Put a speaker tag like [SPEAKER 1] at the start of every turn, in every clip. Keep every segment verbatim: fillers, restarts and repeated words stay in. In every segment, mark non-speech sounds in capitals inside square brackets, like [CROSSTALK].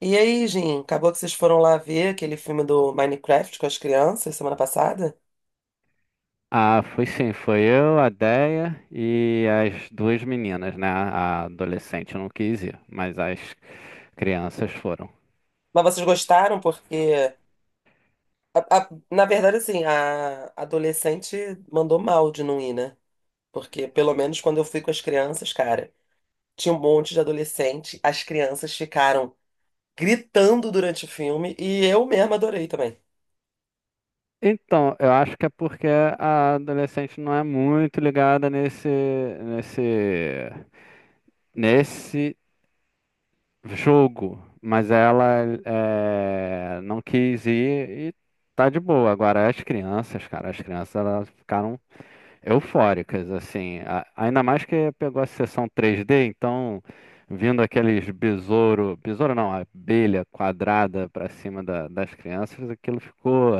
[SPEAKER 1] E aí, Jim, acabou que vocês foram lá ver aquele filme do Minecraft com as crianças semana passada?
[SPEAKER 2] Ah, fui sim, foi eu, a Déia e as duas meninas, né? A adolescente não quis ir, mas as crianças foram.
[SPEAKER 1] Mas vocês gostaram porque, a- a- na verdade, assim, a adolescente mandou mal de não ir, né? Porque, pelo menos, quando eu fui com as crianças, cara, tinha um monte de adolescente, as crianças ficaram gritando durante o filme e eu mesma adorei também.
[SPEAKER 2] Então, eu acho que é porque a adolescente não é muito ligada nesse, nesse, nesse jogo, mas ela é, não quis ir e tá de boa. Agora, as crianças, cara, as crianças elas ficaram eufóricas, assim. A- Ainda mais que pegou a sessão três D, então vindo aqueles besouro, besouro não, abelha quadrada pra cima da- das crianças, aquilo ficou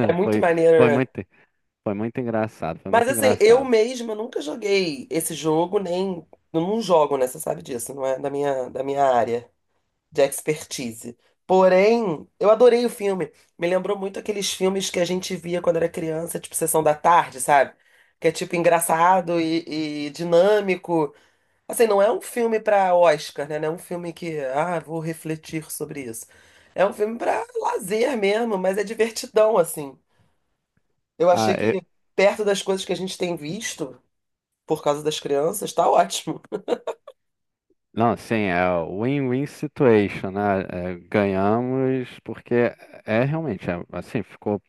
[SPEAKER 1] É muito
[SPEAKER 2] foi
[SPEAKER 1] maneiro,
[SPEAKER 2] foi
[SPEAKER 1] né?
[SPEAKER 2] muito foi muito engraçado, foi
[SPEAKER 1] Mas,
[SPEAKER 2] muito
[SPEAKER 1] assim, eu
[SPEAKER 2] engraçado.
[SPEAKER 1] mesma nunca joguei esse jogo, nem. Eu não jogo, né? Você sabe disso, não é da minha, da minha área de expertise. Porém, eu adorei o filme. Me lembrou muito aqueles filmes que a gente via quando era criança, tipo Sessão da Tarde, sabe? Que é tipo engraçado e, e dinâmico. Assim, não é um filme para Oscar, né? Não é um filme que, ah, vou refletir sobre isso. É um filme para lazer mesmo, mas é divertidão, assim. Eu
[SPEAKER 2] Ah,
[SPEAKER 1] achei
[SPEAKER 2] eu-
[SPEAKER 1] que perto das coisas que a gente tem visto por causa das crianças, tá ótimo.
[SPEAKER 2] não, sim, é o win-win situation, né? É, ganhamos porque é é realmente é, assim, ficou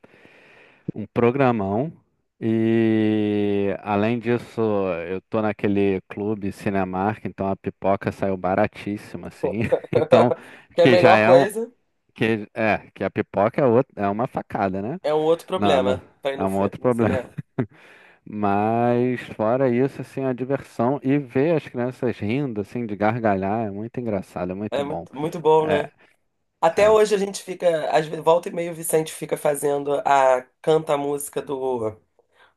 [SPEAKER 2] um programão. E além disso, eu tô naquele clube Cinemark, então a pipoca saiu baratíssima, assim. [LAUGHS] Então,
[SPEAKER 1] [LAUGHS] Que é a
[SPEAKER 2] que já
[SPEAKER 1] melhor
[SPEAKER 2] é um.
[SPEAKER 1] coisa,
[SPEAKER 2] Que, é, que a pipoca é, outra, é uma facada, né?
[SPEAKER 1] é um outro
[SPEAKER 2] Não, não,
[SPEAKER 1] problema para ir
[SPEAKER 2] é
[SPEAKER 1] no,
[SPEAKER 2] um
[SPEAKER 1] fi-
[SPEAKER 2] outro
[SPEAKER 1] no
[SPEAKER 2] problema.
[SPEAKER 1] cinema.
[SPEAKER 2] [LAUGHS] Mas fora isso, assim, a diversão e ver as crianças rindo, assim, de gargalhar, é muito engraçado, é muito
[SPEAKER 1] É
[SPEAKER 2] bom.
[SPEAKER 1] muito, muito bom,
[SPEAKER 2] É,
[SPEAKER 1] né? Até
[SPEAKER 2] é.
[SPEAKER 1] hoje a gente fica, às vezes, volta e meia o Vicente fica fazendo a canta a música do,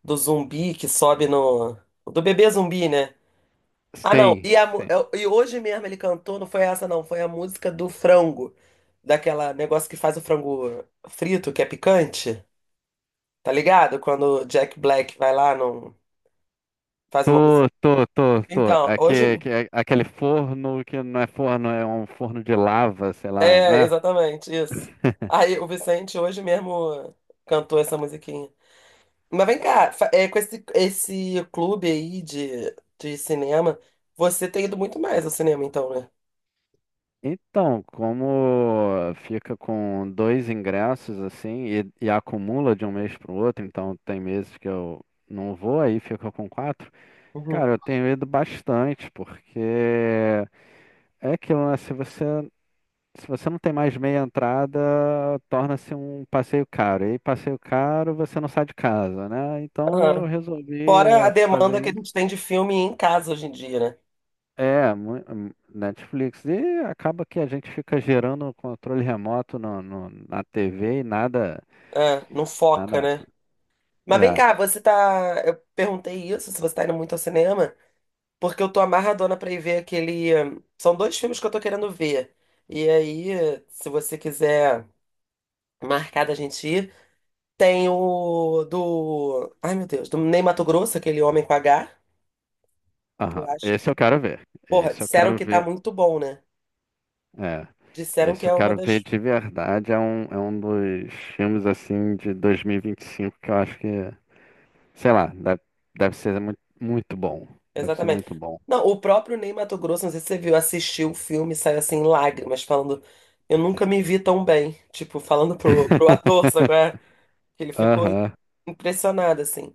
[SPEAKER 1] do zumbi que sobe no. Do bebê zumbi, né? Ah, não.
[SPEAKER 2] Sim,
[SPEAKER 1] E, a mu-
[SPEAKER 2] sim.
[SPEAKER 1] eu- e hoje mesmo ele cantou, não foi essa, não. Foi a música do frango. Daquela negócio que faz o frango frito, que é picante. Tá ligado? Quando o Jack Black vai lá, não faz uma
[SPEAKER 2] Tô,
[SPEAKER 1] música.
[SPEAKER 2] tô, tô, tô.
[SPEAKER 1] Então, hoje.
[SPEAKER 2] Aque- aque- aquele forno que não é forno, é um forno de lava, sei lá, não
[SPEAKER 1] É,
[SPEAKER 2] é?
[SPEAKER 1] exatamente, isso. Aí o Vicente hoje mesmo cantou essa musiquinha. Mas vem cá, fa- é, com esse, esse clube aí de, de cinema, você tem ido muito mais ao cinema, então, né?
[SPEAKER 2] Então, como fica com dois ingressos assim e, e acumula de um mês para o outro, então tem meses que eu não vou, aí fica com quatro.
[SPEAKER 1] Uhum.
[SPEAKER 2] Cara, eu tenho ido bastante, porque é aquilo, né? Se você Se você não tem mais meia entrada, torna-se um passeio caro. E passeio caro, você não sai de casa, né? Então eu
[SPEAKER 1] Aham.
[SPEAKER 2] resolvi
[SPEAKER 1] Fora a
[SPEAKER 2] eh,
[SPEAKER 1] demanda
[SPEAKER 2] fazer
[SPEAKER 1] que a
[SPEAKER 2] isso.
[SPEAKER 1] gente tem de filme em casa hoje em dia, né?
[SPEAKER 2] É, mu- hum, Netflix. E acaba que a gente fica gerando um controle remoto no, no- na T V e nada,
[SPEAKER 1] É, não foca,
[SPEAKER 2] nada.
[SPEAKER 1] né? Mas vem
[SPEAKER 2] É,
[SPEAKER 1] cá, você tá. Eu perguntei isso, se você tá indo muito ao cinema, porque eu tô amarradona pra ir ver aquele. hum, São dois filmes que eu tô querendo ver. E aí, se você quiser. Marcada a gente ir. Tem o do. Ai, meu Deus, do Ney Matogrosso, aquele homem com H, que
[SPEAKER 2] aham.
[SPEAKER 1] eu acho
[SPEAKER 2] Esse eu
[SPEAKER 1] que.
[SPEAKER 2] quero ver.
[SPEAKER 1] Porra,
[SPEAKER 2] Esse eu
[SPEAKER 1] disseram
[SPEAKER 2] quero
[SPEAKER 1] que tá
[SPEAKER 2] ver.
[SPEAKER 1] muito bom, né?
[SPEAKER 2] É.
[SPEAKER 1] Disseram
[SPEAKER 2] Esse
[SPEAKER 1] que
[SPEAKER 2] eu
[SPEAKER 1] é uma
[SPEAKER 2] quero ver
[SPEAKER 1] das.
[SPEAKER 2] de verdade. É um, é um dos filmes assim de dois mil e vinte e cinco que eu acho que é. Sei lá, deve, deve ser muito, muito bom. Deve ser
[SPEAKER 1] Exatamente.
[SPEAKER 2] muito bom.
[SPEAKER 1] Não, o próprio Ney Matogrosso, não sei se você viu, assistiu o filme e saiu assim, em lágrimas, falando. Eu nunca me vi tão bem. Tipo, falando pro, pro ator, sabe? Qual é?
[SPEAKER 2] [LAUGHS]
[SPEAKER 1] Que ele ficou
[SPEAKER 2] Aham.
[SPEAKER 1] impressionado, assim.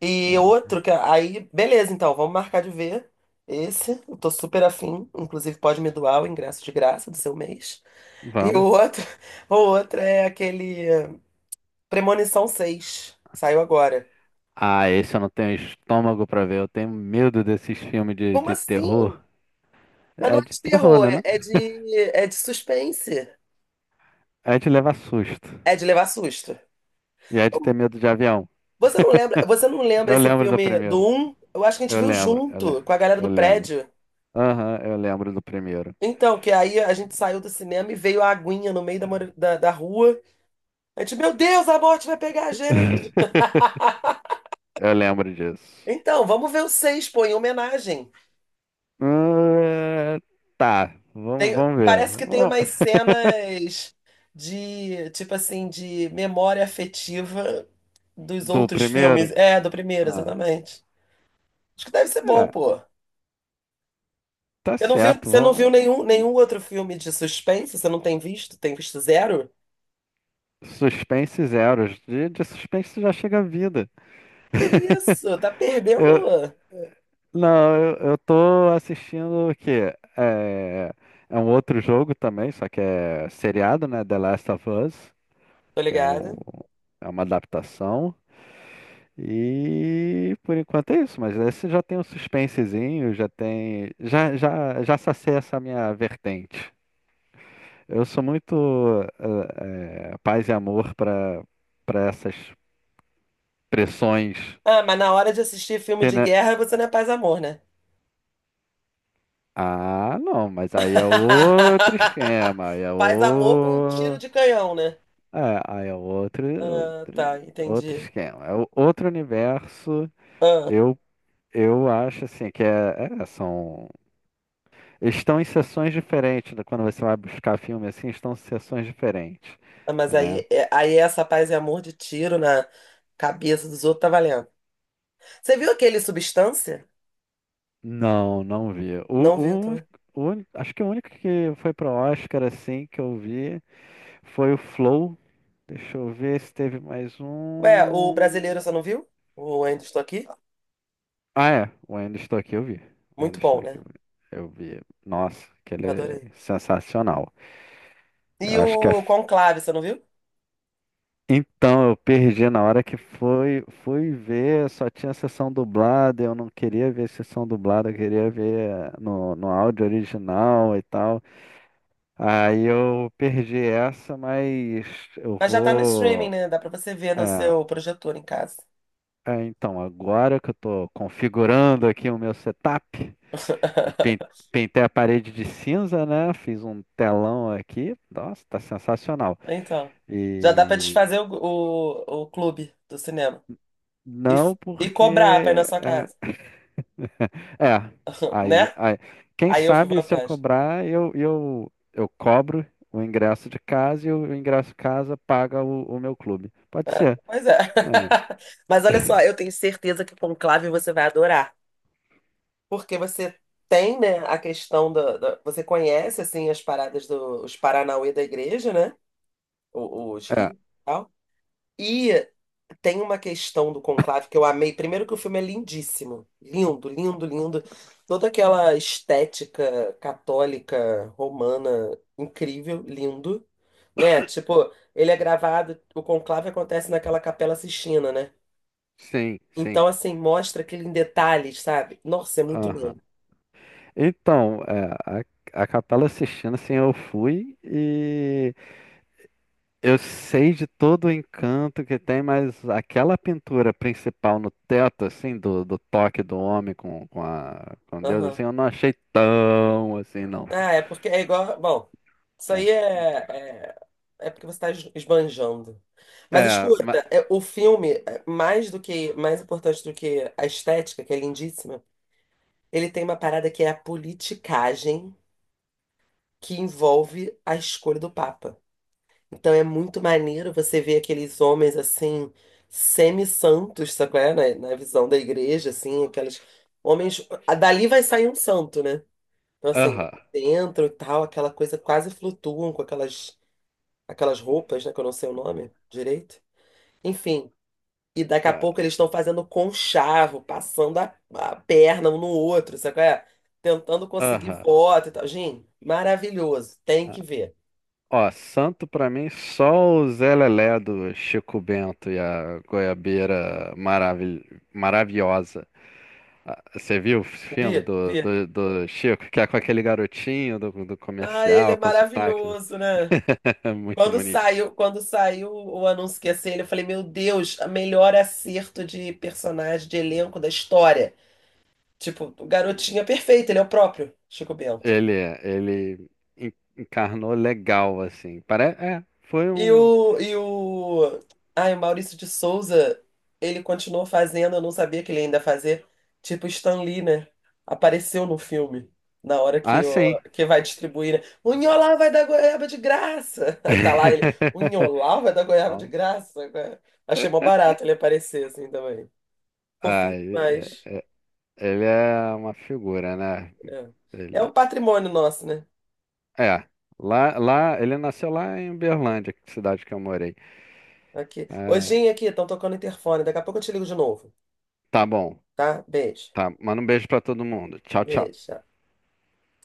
[SPEAKER 1] E
[SPEAKER 2] É.
[SPEAKER 1] outro que. Aí, beleza, então, vamos marcar de ver. Esse, eu tô super afim. Inclusive, pode me doar o ingresso de graça do seu mês. E o
[SPEAKER 2] Vamos.
[SPEAKER 1] outro, [LAUGHS] o outro é aquele eh, Premonição seis que saiu agora.
[SPEAKER 2] Ah, esse eu não tenho estômago pra ver. Eu tenho medo desses filmes de,
[SPEAKER 1] Como
[SPEAKER 2] de
[SPEAKER 1] assim?
[SPEAKER 2] terror.
[SPEAKER 1] Mas não
[SPEAKER 2] É
[SPEAKER 1] é
[SPEAKER 2] de
[SPEAKER 1] de
[SPEAKER 2] terror,
[SPEAKER 1] terror,
[SPEAKER 2] né?
[SPEAKER 1] é
[SPEAKER 2] Não?
[SPEAKER 1] é de, é de suspense.
[SPEAKER 2] É de levar susto.
[SPEAKER 1] É de levar susto.
[SPEAKER 2] E é de
[SPEAKER 1] Então,
[SPEAKER 2] ter medo de avião.
[SPEAKER 1] você não lembra, você não
[SPEAKER 2] [LAUGHS]
[SPEAKER 1] lembra
[SPEAKER 2] Eu
[SPEAKER 1] esse
[SPEAKER 2] lembro do
[SPEAKER 1] filme do
[SPEAKER 2] primeiro.
[SPEAKER 1] um? Eu acho que a gente
[SPEAKER 2] Eu
[SPEAKER 1] viu
[SPEAKER 2] lembro. Eu, le-
[SPEAKER 1] junto com a galera
[SPEAKER 2] eu
[SPEAKER 1] do
[SPEAKER 2] lembro.
[SPEAKER 1] prédio.
[SPEAKER 2] Aham, eu lembro do primeiro.
[SPEAKER 1] Então, que aí a gente saiu do cinema e veio a aguinha no meio da, mora- da, da rua. A gente, meu Deus, a morte vai pegar a gente.
[SPEAKER 2] [LAUGHS]
[SPEAKER 1] [LAUGHS]
[SPEAKER 2] Eu lembro disso.
[SPEAKER 1] Então, vamos ver o seis pô, em homenagem.
[SPEAKER 2] Ah, tá, vamos,
[SPEAKER 1] Tem-
[SPEAKER 2] vamos ver.
[SPEAKER 1] parece que tem
[SPEAKER 2] Vamos-
[SPEAKER 1] umas cenas de, tipo assim, de memória afetiva dos
[SPEAKER 2] Do
[SPEAKER 1] outros
[SPEAKER 2] primeiro?
[SPEAKER 1] filmes. É, do primeiro,
[SPEAKER 2] Ah.
[SPEAKER 1] exatamente. Acho que deve ser bom,
[SPEAKER 2] É,
[SPEAKER 1] pô.
[SPEAKER 2] tá
[SPEAKER 1] Você não viu,
[SPEAKER 2] certo.
[SPEAKER 1] você não viu nenhum, nenhum
[SPEAKER 2] Vamos...
[SPEAKER 1] outro filme de suspense? Você não tem visto? Tem visto zero?
[SPEAKER 2] Suspense zeros. De, de suspense já chega a vida.
[SPEAKER 1] Que isso? Tá
[SPEAKER 2] Eu,
[SPEAKER 1] perdendo.
[SPEAKER 2] não, eu, eu tô assistindo o quê? É, é um outro jogo também, só que é seriado, né? The Last of Us,
[SPEAKER 1] Tô
[SPEAKER 2] que é, um,
[SPEAKER 1] ligado.
[SPEAKER 2] é uma adaptação. E por enquanto é isso, mas esse já tem um suspensezinho, já tem. Já, já, já sacei essa minha vertente. Eu sou muito eh, eh, paz e amor para para essas pressões.
[SPEAKER 1] Ah, mas na hora de assistir filme
[SPEAKER 2] Você,
[SPEAKER 1] de
[SPEAKER 2] né?
[SPEAKER 1] guerra, você não é paz e amor, né?
[SPEAKER 2] Ah, não, mas aí é outro
[SPEAKER 1] [LAUGHS]
[SPEAKER 2] esquema, aí é
[SPEAKER 1] Paz e amor com um tiro
[SPEAKER 2] o...
[SPEAKER 1] de canhão, né?
[SPEAKER 2] É, aí é outro,
[SPEAKER 1] Ah, tá,
[SPEAKER 2] outro, outro
[SPEAKER 1] entendi.
[SPEAKER 2] esquema, é o- outro universo.
[SPEAKER 1] Ah.
[SPEAKER 2] Eu, eu acho assim que é, é, são estão em sessões diferentes. Né? Quando você vai buscar filme assim, estão em sessões diferentes,
[SPEAKER 1] Ah, mas
[SPEAKER 2] né?
[SPEAKER 1] aí, é- aí essa paz e amor de tiro na cabeça dos outros tá valendo. Você viu aquele Substância?
[SPEAKER 2] Não, não vi.
[SPEAKER 1] Não viu
[SPEAKER 2] O, o,
[SPEAKER 1] também.
[SPEAKER 2] o acho que o único que foi pro Oscar assim que eu vi foi o Flow. Deixa eu ver se teve mais
[SPEAKER 1] Ué, o brasileiro
[SPEAKER 2] um.
[SPEAKER 1] você não viu? O Ainda Estou Aqui?
[SPEAKER 2] Ah, é. O Ainda Estou Aqui eu vi. O
[SPEAKER 1] Muito
[SPEAKER 2] Ainda Estou
[SPEAKER 1] bom,
[SPEAKER 2] Aqui eu
[SPEAKER 1] né?
[SPEAKER 2] vi. Eu vi. Nossa, aquele
[SPEAKER 1] Eu
[SPEAKER 2] é
[SPEAKER 1] adorei.
[SPEAKER 2] sensacional. Eu
[SPEAKER 1] E
[SPEAKER 2] acho que é.
[SPEAKER 1] o Conclave, você não viu?
[SPEAKER 2] Então, eu perdi na hora que foi, fui ver, só tinha sessão dublada, eu não queria ver sessão dublada, eu queria ver no, no áudio original e tal. Aí eu perdi essa, mas eu
[SPEAKER 1] Mas já tá no streaming,
[SPEAKER 2] vou.
[SPEAKER 1] né? Dá pra você ver no
[SPEAKER 2] É,
[SPEAKER 1] seu projetor em casa.
[SPEAKER 2] é, então, agora que eu tô configurando aqui o meu setup, eu pen-
[SPEAKER 1] [LAUGHS]
[SPEAKER 2] pintei a parede de cinza, né? Fiz um telão aqui. Nossa, tá sensacional.
[SPEAKER 1] Então, já dá pra
[SPEAKER 2] E
[SPEAKER 1] desfazer o, o, o clube do cinema. E, f-
[SPEAKER 2] não
[SPEAKER 1] e
[SPEAKER 2] porque.
[SPEAKER 1] cobrar pra ir na sua
[SPEAKER 2] É,
[SPEAKER 1] casa,
[SPEAKER 2] é,
[SPEAKER 1] [LAUGHS]
[SPEAKER 2] aí,
[SPEAKER 1] né?
[SPEAKER 2] aí. Quem
[SPEAKER 1] Aí eu vi
[SPEAKER 2] sabe se eu
[SPEAKER 1] vantagem.
[SPEAKER 2] cobrar, eu, eu, eu cobro o ingresso de casa e o ingresso casa paga o, o meu clube. Pode
[SPEAKER 1] É,
[SPEAKER 2] ser.
[SPEAKER 1] pois é.
[SPEAKER 2] Aí.
[SPEAKER 1] [LAUGHS] Mas olha só, eu tenho certeza que o Conclave você vai adorar. Porque você tem, né, a questão da, da- Você conhece, assim, as paradas dos os Paranauê da igreja, né? O- Os rios e tal. E tem uma questão do Conclave que eu amei. Primeiro que o filme é lindíssimo. Lindo, lindo, lindo. Toda aquela estética católica, romana, incrível, lindo. Né? Tipo, ele é gravado... O Conclave acontece naquela Capela Sistina, né?
[SPEAKER 2] Sim, sim.
[SPEAKER 1] Então, assim, mostra aquele em detalhes, sabe? Nossa, é muito lindo.
[SPEAKER 2] Aham. Então, é, a, a Capela Sistina, assim, eu fui e eu sei de todo o encanto que tem, mas aquela pintura principal no teto, assim, do, do toque do homem com, com, a, com Deus,
[SPEAKER 1] Aham.
[SPEAKER 2] assim, eu não achei tão assim, não.
[SPEAKER 1] Ah, é porque é igual. Bom, isso
[SPEAKER 2] É,
[SPEAKER 1] aí é, é, é porque você está esbanjando. Mas
[SPEAKER 2] é, ma-
[SPEAKER 1] escuta, é, o filme, é, mais do que, mais importante do que a estética, que é lindíssima, ele tem uma parada que é a politicagem que envolve a escolha do Papa. Então é muito maneiro você ver aqueles homens assim, semi-santos, sabe qual é? Na, na visão da igreja, assim, aqueles homens. a- Dali vai sair um santo, né? Então, assim,
[SPEAKER 2] aham,
[SPEAKER 1] dentro e tal, aquela coisa quase flutuam com aquelas, aquelas roupas, né? Que eu não sei o nome direito. Enfim, e daqui a
[SPEAKER 2] é,
[SPEAKER 1] pouco eles estão fazendo conchavo, passando a, a perna um no outro, sabe qual é? Tentando conseguir
[SPEAKER 2] aham.
[SPEAKER 1] voto e tal. Gente, maravilhoso, tem
[SPEAKER 2] É.
[SPEAKER 1] que ver.
[SPEAKER 2] Ó, santo pra mim só o Zé Lelé do Chico Bento e a Goiabeira maravi- maravilhosa. Ah, você viu o filme
[SPEAKER 1] Vi,
[SPEAKER 2] do,
[SPEAKER 1] vi.
[SPEAKER 2] do, do Chico, que é com aquele garotinho do, do
[SPEAKER 1] Ah, ele é
[SPEAKER 2] comercial, com sotaque, né?
[SPEAKER 1] maravilhoso, né?
[SPEAKER 2] [LAUGHS] É muito
[SPEAKER 1] Quando
[SPEAKER 2] bonitinho.
[SPEAKER 1] saiu, quando saiu o anúncio que ia ser ele, eu falei, meu Deus, a melhor acerto de personagem, de elenco da história. Tipo, o garotinho é perfeito, ele é o próprio Chico Bento.
[SPEAKER 2] Ele é, ele en- encarnou legal, assim. Pare... É, foi
[SPEAKER 1] E
[SPEAKER 2] um.
[SPEAKER 1] o, e o, ai, o Maurício de Souza, ele continuou fazendo, eu não sabia que ele ainda fazia, tipo Stan Lee, né? Apareceu no filme, na hora
[SPEAKER 2] Ah,
[SPEAKER 1] que,
[SPEAKER 2] sim.
[SPEAKER 1] o, que vai distribuir, né? O Nholau vai dar goiaba de graça! [LAUGHS] Aí tá lá ele, o
[SPEAKER 2] [LAUGHS]
[SPEAKER 1] Nholau vai dar goiaba de
[SPEAKER 2] Bom,
[SPEAKER 1] graça? Né? Achei mó barato ele aparecer assim também.
[SPEAKER 2] ah,
[SPEAKER 1] Fofinho
[SPEAKER 2] ele
[SPEAKER 1] demais.
[SPEAKER 2] é é- ele é uma figura, né?
[SPEAKER 1] É. É um patrimônio nosso, né?
[SPEAKER 2] É, lá, lá, ele nasceu lá em Uberlândia, que cidade que eu morei.
[SPEAKER 1] Aqui.
[SPEAKER 2] É,
[SPEAKER 1] Hojinha aqui, estão tocando interfone, daqui a pouco eu te ligo de novo,
[SPEAKER 2] tá bom,
[SPEAKER 1] tá? Beijo.
[SPEAKER 2] tá. Manda um beijo pra todo mundo. Tchau, tchau.
[SPEAKER 1] Beijo.